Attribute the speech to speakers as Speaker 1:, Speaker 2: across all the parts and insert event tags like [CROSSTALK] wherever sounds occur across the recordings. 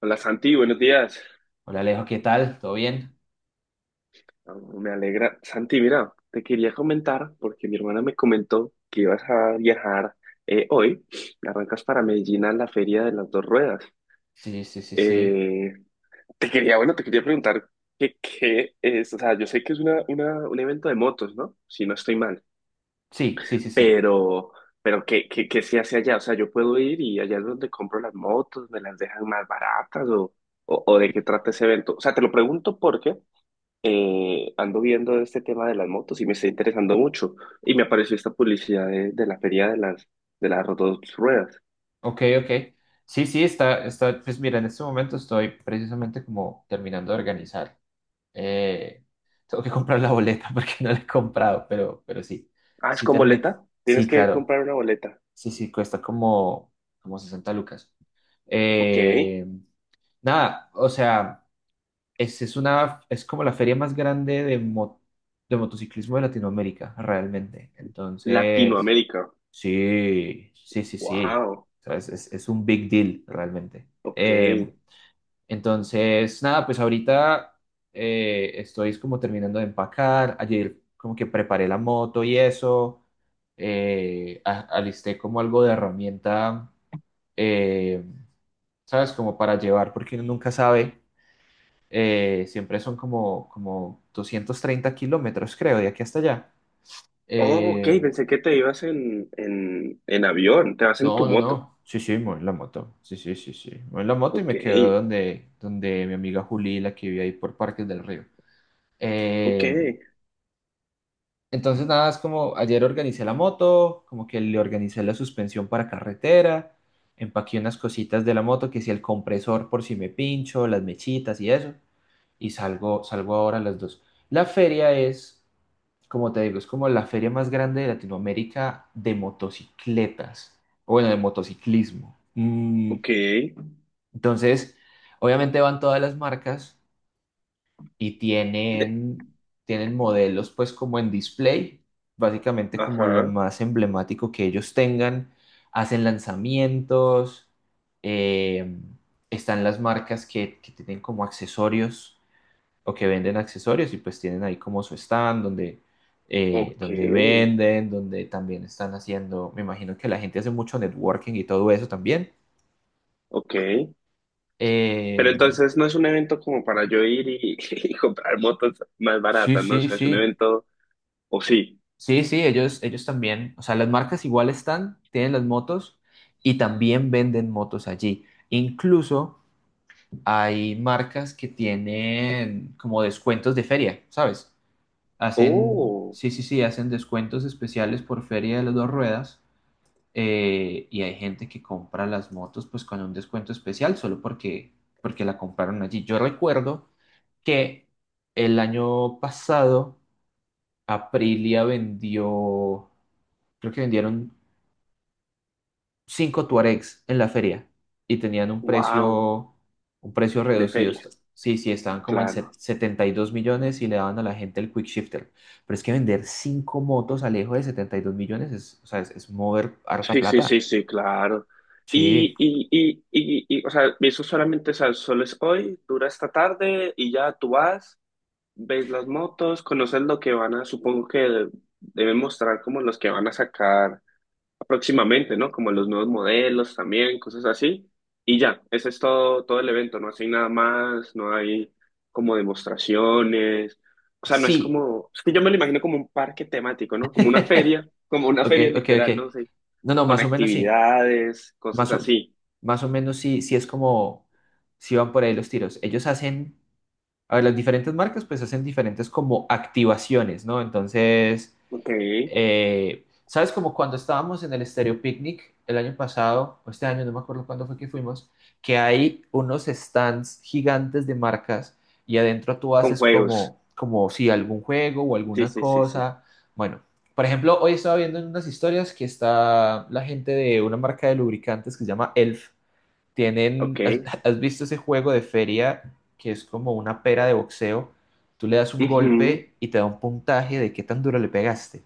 Speaker 1: Hola Santi, buenos días.
Speaker 2: Hola Alejo, ¿qué tal? ¿Todo bien?
Speaker 1: Oh, me alegra. Santi, mira, te quería comentar porque mi hermana me comentó que ibas a viajar hoy. Arrancas para Medellín a la Feria de las Dos Ruedas.
Speaker 2: Sí, sí, sí, sí.
Speaker 1: Eh, te quería, bueno, te quería preguntar qué es, o sea, yo sé que es un evento de motos, ¿no? Si no estoy mal,
Speaker 2: Sí, sí, sí, sí.
Speaker 1: pero, pero qué se hace allá? O sea, yo puedo ir y allá es donde compro las motos, me las dejan más baratas o, o de qué trata ese evento. O sea, te lo pregunto porque... ando viendo este tema de las motos y me está interesando mucho. Y me apareció esta publicidad de la feria de las dos ruedas.
Speaker 2: Ok, ok. Sí, sí, pues mira, en este momento estoy precisamente como terminando de organizar. Eh, Tengo que [LAUGHS] comprar la boleta [LAUGHS] porque no la he comprado, pero sí.
Speaker 1: Ah, es
Speaker 2: Sí,
Speaker 1: con boleta. Tienes
Speaker 2: sí,
Speaker 1: que
Speaker 2: claro.
Speaker 1: comprar una boleta.
Speaker 2: Sí, sí, cuesta como 60 lucas.
Speaker 1: Ok.
Speaker 2: Eh, Nada, o sea, es como la feria más grande de motociclismo de Latinoamérica, realmente. Entonces.
Speaker 1: Latinoamérica.
Speaker 2: Sí, sí, sí, sí.
Speaker 1: Wow.
Speaker 2: ¿Sabes? Es un big deal realmente.
Speaker 1: Ok.
Speaker 2: Eh, entonces, nada, pues ahorita estoy como terminando de empacar. Ayer como que preparé la moto y eso. Alisté como algo de herramienta, eh, ¿sabes? Como para llevar, porque uno nunca sabe. Siempre son como 230 kilómetros, creo, de aquí hasta allá.
Speaker 1: Oh, ok.
Speaker 2: Eh,
Speaker 1: Pensé que te ibas en avión. Te vas en
Speaker 2: No,
Speaker 1: tu
Speaker 2: no,
Speaker 1: moto.
Speaker 2: no. Sí, sí, me la moto. Sí, sí, sí, sí. Me la moto y
Speaker 1: Ok.
Speaker 2: me quedo donde mi amiga Juli, la que vive ahí por Parques del Río.
Speaker 1: Ok.
Speaker 2: Eh, entonces, nada, es como ayer organicé la moto, como que le organicé la suspensión para carretera, empaqué unas cositas de la moto, que si el compresor por si me pincho, las mechitas y eso, y salgo ahora a las dos. La feria es, como te digo, es como la feria más grande de Latinoamérica de motocicletas, o bueno, de motociclismo.
Speaker 1: Ok.
Speaker 2: Entonces, obviamente van todas las marcas y tienen modelos pues como en display, básicamente como lo
Speaker 1: Ajá.
Speaker 2: más emblemático que ellos tengan, hacen lanzamientos, eh, están las marcas que tienen como accesorios o que venden accesorios y pues tienen ahí como su stand donde, eh,
Speaker 1: Ok.
Speaker 2: donde venden, donde también están haciendo, me imagino que la gente hace mucho networking y todo eso también.
Speaker 1: Ok.
Speaker 2: Eh,
Speaker 1: Pero entonces no es un evento como para yo ir y, [LAUGHS] y comprar motos más
Speaker 2: sí,
Speaker 1: baratas, ¿no? O
Speaker 2: sí,
Speaker 1: sea, es un
Speaker 2: sí.
Speaker 1: evento, o sí.
Speaker 2: Sí, sí, ellos también, o sea, las marcas igual están, tienen las motos y también venden motos allí. Incluso hay marcas que tienen como descuentos de feria, ¿sabes?
Speaker 1: Oh,
Speaker 2: Sí, sí, sí, hacen descuentos especiales por feria de las dos ruedas, y hay gente que compra las motos pues con un descuento especial solo porque la compraron allí. Yo recuerdo que el año pasado Aprilia vendió, creo que vendieron cinco Tuaregs en la feria y tenían un
Speaker 1: wow,
Speaker 2: precio, un precio
Speaker 1: de
Speaker 2: reducido.
Speaker 1: feria,
Speaker 2: Sí, sí, estaban como en
Speaker 1: claro.
Speaker 2: 72 millones y le daban a la gente el quick shifter. Pero es que vender cinco motos al Alejo de 72 millones es, o sea, es mover harta
Speaker 1: Sí, sí, sí,
Speaker 2: plata.
Speaker 1: sí, claro.
Speaker 2: Sí,
Speaker 1: Y, o sea, eso solamente, o sea, solo es hoy, dura esta tarde y ya tú vas, ves las motos, conoces lo que van a, supongo que deben mostrar como los que van a sacar próximamente, ¿no? Como los nuevos modelos también, cosas así. Y ya, ese es todo, todo el evento, no hay nada más, no hay como demostraciones, o sea, no es
Speaker 2: sí.
Speaker 1: como, es que yo me lo imagino como un parque temático, ¿no?
Speaker 2: [LAUGHS]
Speaker 1: Como una
Speaker 2: Ok,
Speaker 1: feria
Speaker 2: ok, ok.
Speaker 1: literal, ¿no? Sí,
Speaker 2: No, no,
Speaker 1: con
Speaker 2: más o menos sí.
Speaker 1: actividades, cosas
Speaker 2: Más o,
Speaker 1: así,
Speaker 2: Más o menos sí, sí es como, si van por ahí los tiros. Ellos hacen A ver, las diferentes marcas pues hacen diferentes como activaciones, ¿no? Entonces,
Speaker 1: ok,
Speaker 2: ¿sabes? Como cuando estábamos en el Stereo Picnic el año pasado, o este año, no me acuerdo cuándo fue que fuimos, que hay unos stands gigantes de marcas y adentro tú
Speaker 1: con
Speaker 2: haces
Speaker 1: juegos,
Speaker 2: como si algún juego o
Speaker 1: sí,
Speaker 2: alguna
Speaker 1: sí, sí, sí,
Speaker 2: cosa. Bueno, por ejemplo, hoy estaba viendo en unas historias que está la gente de una marca de lubricantes que se llama Elf tienen,
Speaker 1: ok,
Speaker 2: ¿has visto ese juego de feria que es como una pera de boxeo? Tú le das un
Speaker 1: ujú,
Speaker 2: golpe y te da un puntaje de qué tan duro le pegaste.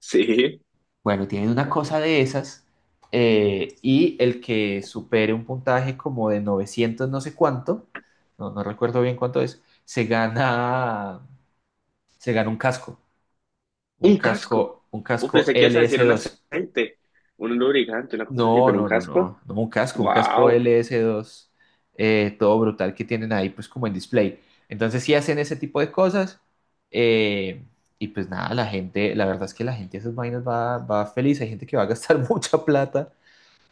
Speaker 1: sí,
Speaker 2: Bueno, tienen una cosa de esas, y el que supere un puntaje como de 900 no sé cuánto, no recuerdo bien cuánto es, se gana
Speaker 1: un casco,
Speaker 2: un casco
Speaker 1: pensé que ibas a decir un
Speaker 2: LS2.
Speaker 1: aceite, un lubricante, una cosa así,
Speaker 2: No,
Speaker 1: pero un
Speaker 2: no, no,
Speaker 1: casco.
Speaker 2: no, no, un casco,
Speaker 1: Wow.
Speaker 2: LS2, todo brutal que tienen ahí, pues como en display. Entonces sí hacen ese tipo de cosas, eh, y pues nada, la gente, la verdad es que la gente a esas vainas va feliz, hay gente que va a gastar [LAUGHS] mucha plata,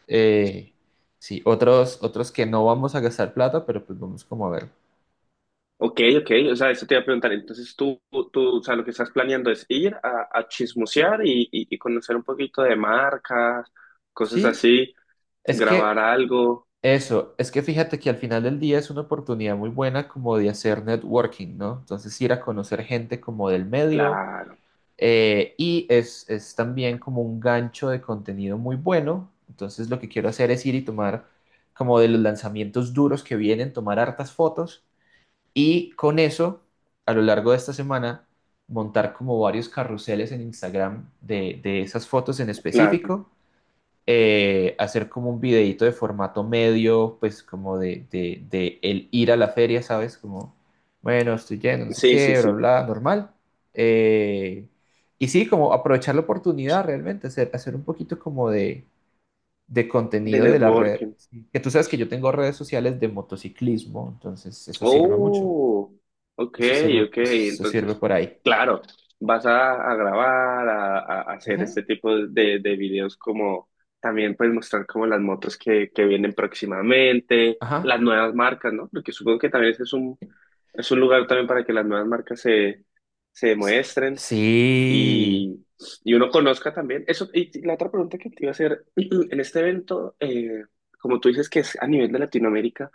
Speaker 2: eh, sí, otros que no vamos a gastar plata, pero pues vamos como a ver.
Speaker 1: Ok, ok, o sea, eso te iba a preguntar. Entonces tú, o sea, lo que estás planeando es ir a chismosear y conocer un poquito de marcas, cosas
Speaker 2: Sí,
Speaker 1: así,
Speaker 2: es
Speaker 1: grabar
Speaker 2: que
Speaker 1: algo.
Speaker 2: es que fíjate que al final del día es una oportunidad muy buena como de hacer networking, ¿no? Entonces ir a conocer gente como del medio.
Speaker 1: Claro,
Speaker 2: Y es también como un gancho de contenido muy bueno. Entonces lo que quiero hacer es ir y tomar como de los lanzamientos duros que vienen, tomar hartas fotos y con eso, a lo largo de esta semana, montar como varios carruseles en Instagram de esas fotos en
Speaker 1: claro.
Speaker 2: específico, hacer como un videíto de formato medio, pues como de el ir a la feria, ¿sabes? Como, bueno, estoy yendo, no sé
Speaker 1: Sí, sí,
Speaker 2: qué, bla,
Speaker 1: sí.
Speaker 2: bla, normal. Eh, y sí, como aprovechar la oportunidad realmente, hacer un poquito como de
Speaker 1: De
Speaker 2: contenido de la red.
Speaker 1: networking.
Speaker 2: Sí. Que tú sabes que yo tengo redes sociales de motociclismo, entonces eso sirve mucho.
Speaker 1: Oh, ok, ok.
Speaker 2: Eso sirve
Speaker 1: Entonces,
Speaker 2: por ahí.
Speaker 1: claro, vas a grabar, a hacer
Speaker 2: Ujú.
Speaker 1: este tipo de videos como también puedes mostrar como las motos que vienen próximamente, las
Speaker 2: Ajá.
Speaker 1: nuevas marcas, ¿no? Porque supongo que también ese es un. Es un lugar también para que las nuevas marcas se, se
Speaker 2: S-
Speaker 1: muestren
Speaker 2: Sí.
Speaker 1: y, y uno conozca también. Eso, y la otra pregunta que te iba a hacer, [CLEARS THROAT] en este evento, como tú dices que es a nivel de Latinoamérica,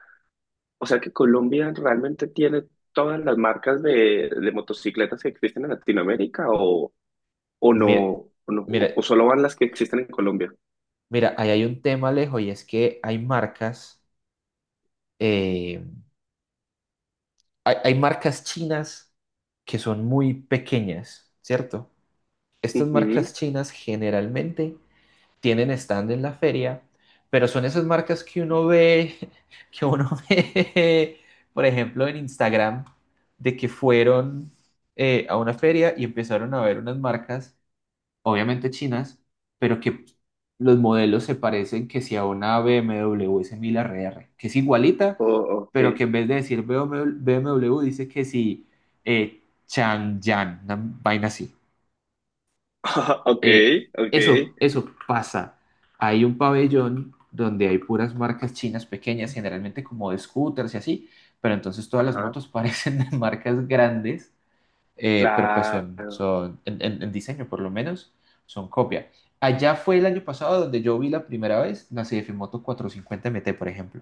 Speaker 1: o sea que Colombia realmente tiene todas las marcas de motocicletas que existen en Latinoamérica o no,
Speaker 2: Mira,
Speaker 1: o no,
Speaker 2: mira.
Speaker 1: o solo van las que existen en Colombia.
Speaker 2: Mira, ahí hay un tema, Alejo, y es que hay marcas, eh, hay marcas chinas que son muy pequeñas, ¿cierto? Estas marcas
Speaker 1: Ujú.
Speaker 2: chinas generalmente tienen stand en la feria, pero son esas marcas que uno ve, [LAUGHS] que uno ve, por ejemplo, en Instagram, de que fueron, a una feria y empezaron a ver unas marcas obviamente chinas, pero que los modelos se parecen que si a una BMW S1000RR, que es igualita,
Speaker 1: Oh,
Speaker 2: pero que
Speaker 1: ok.
Speaker 2: en vez de decir BMW dice que si, Changyan, una vaina así.
Speaker 1: [LAUGHS] Ok,
Speaker 2: Eh,
Speaker 1: ok.
Speaker 2: eso pasa. Hay un pabellón donde hay puras marcas chinas pequeñas, generalmente como de scooters y así, pero entonces todas las
Speaker 1: Ajá.
Speaker 2: motos [LAUGHS] parecen de marcas grandes, pero pues son,
Speaker 1: Claro.
Speaker 2: son en, en diseño por lo menos, son copia. Allá fue el año pasado donde yo vi la primera vez la CF Moto 450 MT, por ejemplo.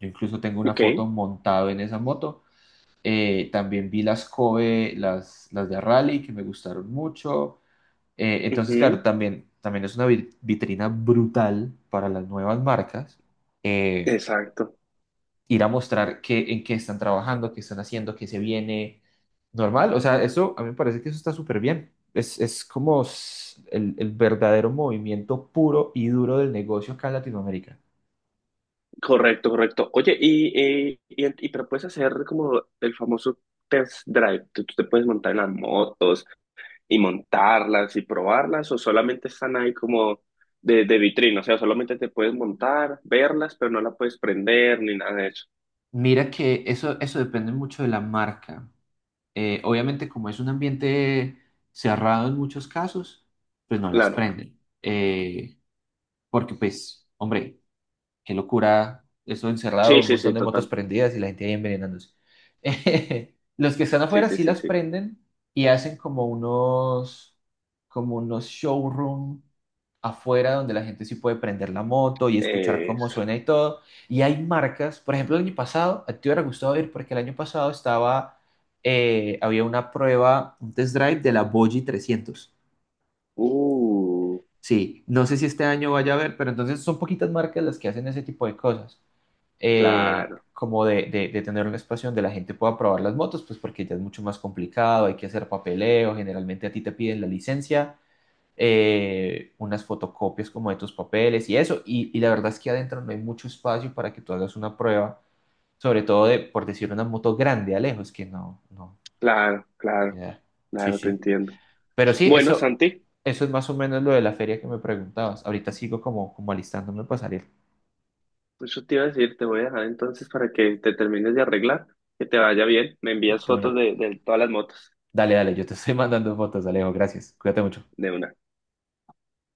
Speaker 2: Yo incluso tengo una
Speaker 1: Ok.
Speaker 2: foto montado en esa moto. También vi las Kobe, las de Rally, que me gustaron mucho. Entonces, claro,
Speaker 1: Ujú,
Speaker 2: también es una vitrina brutal para las nuevas marcas. Eh,
Speaker 1: exacto.
Speaker 2: Ir a mostrar en qué están trabajando, qué están haciendo, qué se viene, normal. O sea, eso a mí me parece que eso está súper bien. Es como el verdadero movimiento puro y duro del negocio acá en Latinoamérica.
Speaker 1: Correcto, correcto. Oye, pero puedes hacer como el famoso test drive. Tú te puedes montar en las motos y montarlas y probarlas, o solamente están ahí como de vitrina. O sea, solamente te puedes montar, verlas, pero no la puedes prender ni nada de eso.
Speaker 2: Mira que eso depende mucho de la marca. Obviamente, como es un ambiente cerrado en muchos casos, pues no las
Speaker 1: Claro.
Speaker 2: prenden. Porque, pues, hombre, qué locura, eso
Speaker 1: Sí,
Speaker 2: encerrado, un
Speaker 1: sí, sí,
Speaker 2: montón de motos
Speaker 1: total.
Speaker 2: prendidas y la gente ahí envenenándose. [LAUGHS] Los que están
Speaker 1: Sí,
Speaker 2: afuera
Speaker 1: sí,
Speaker 2: sí
Speaker 1: sí,
Speaker 2: las
Speaker 1: sí.
Speaker 2: prenden y hacen como unos showroom afuera donde la gente sí puede prender la moto y escuchar cómo
Speaker 1: Es.
Speaker 2: suena y todo. Y hay marcas, por ejemplo, el año pasado, a ti te hubiera gustado ir porque el año pasado había una prueba, un test drive de la Bogie 300.
Speaker 1: Uh,
Speaker 2: Sí, no sé si este año vaya a haber, pero entonces son poquitas marcas las que hacen ese tipo de cosas,
Speaker 1: claro,
Speaker 2: como de tener un espacio donde la gente pueda probar las motos, pues porque ya es mucho más complicado, hay que hacer papeleo, generalmente a ti te piden la licencia, unas fotocopias como de tus papeles y eso, y la verdad es que adentro no hay mucho espacio para que tú hagas una prueba, sobre todo de, por decir, una moto grande, Alejo, es que
Speaker 1: claro,
Speaker 2: no te
Speaker 1: claro,
Speaker 2: da. Sí,
Speaker 1: claro, te
Speaker 2: sí.
Speaker 1: entiendo.
Speaker 2: Pero sí,
Speaker 1: Bueno,
Speaker 2: eso,
Speaker 1: Santi.
Speaker 2: eso es más o menos lo de la feria que me preguntabas. Ahorita sigo como alistándome para salir
Speaker 1: Pues yo te iba a decir, te voy a dejar entonces para que te termines de arreglar, que te vaya bien. Me envías
Speaker 2: de
Speaker 1: fotos
Speaker 2: una.
Speaker 1: de todas las motos
Speaker 2: Dale, dale, yo te estoy [LAUGHS] mandando fotos, Alejo, gracias. Cuídate mucho.
Speaker 1: de una.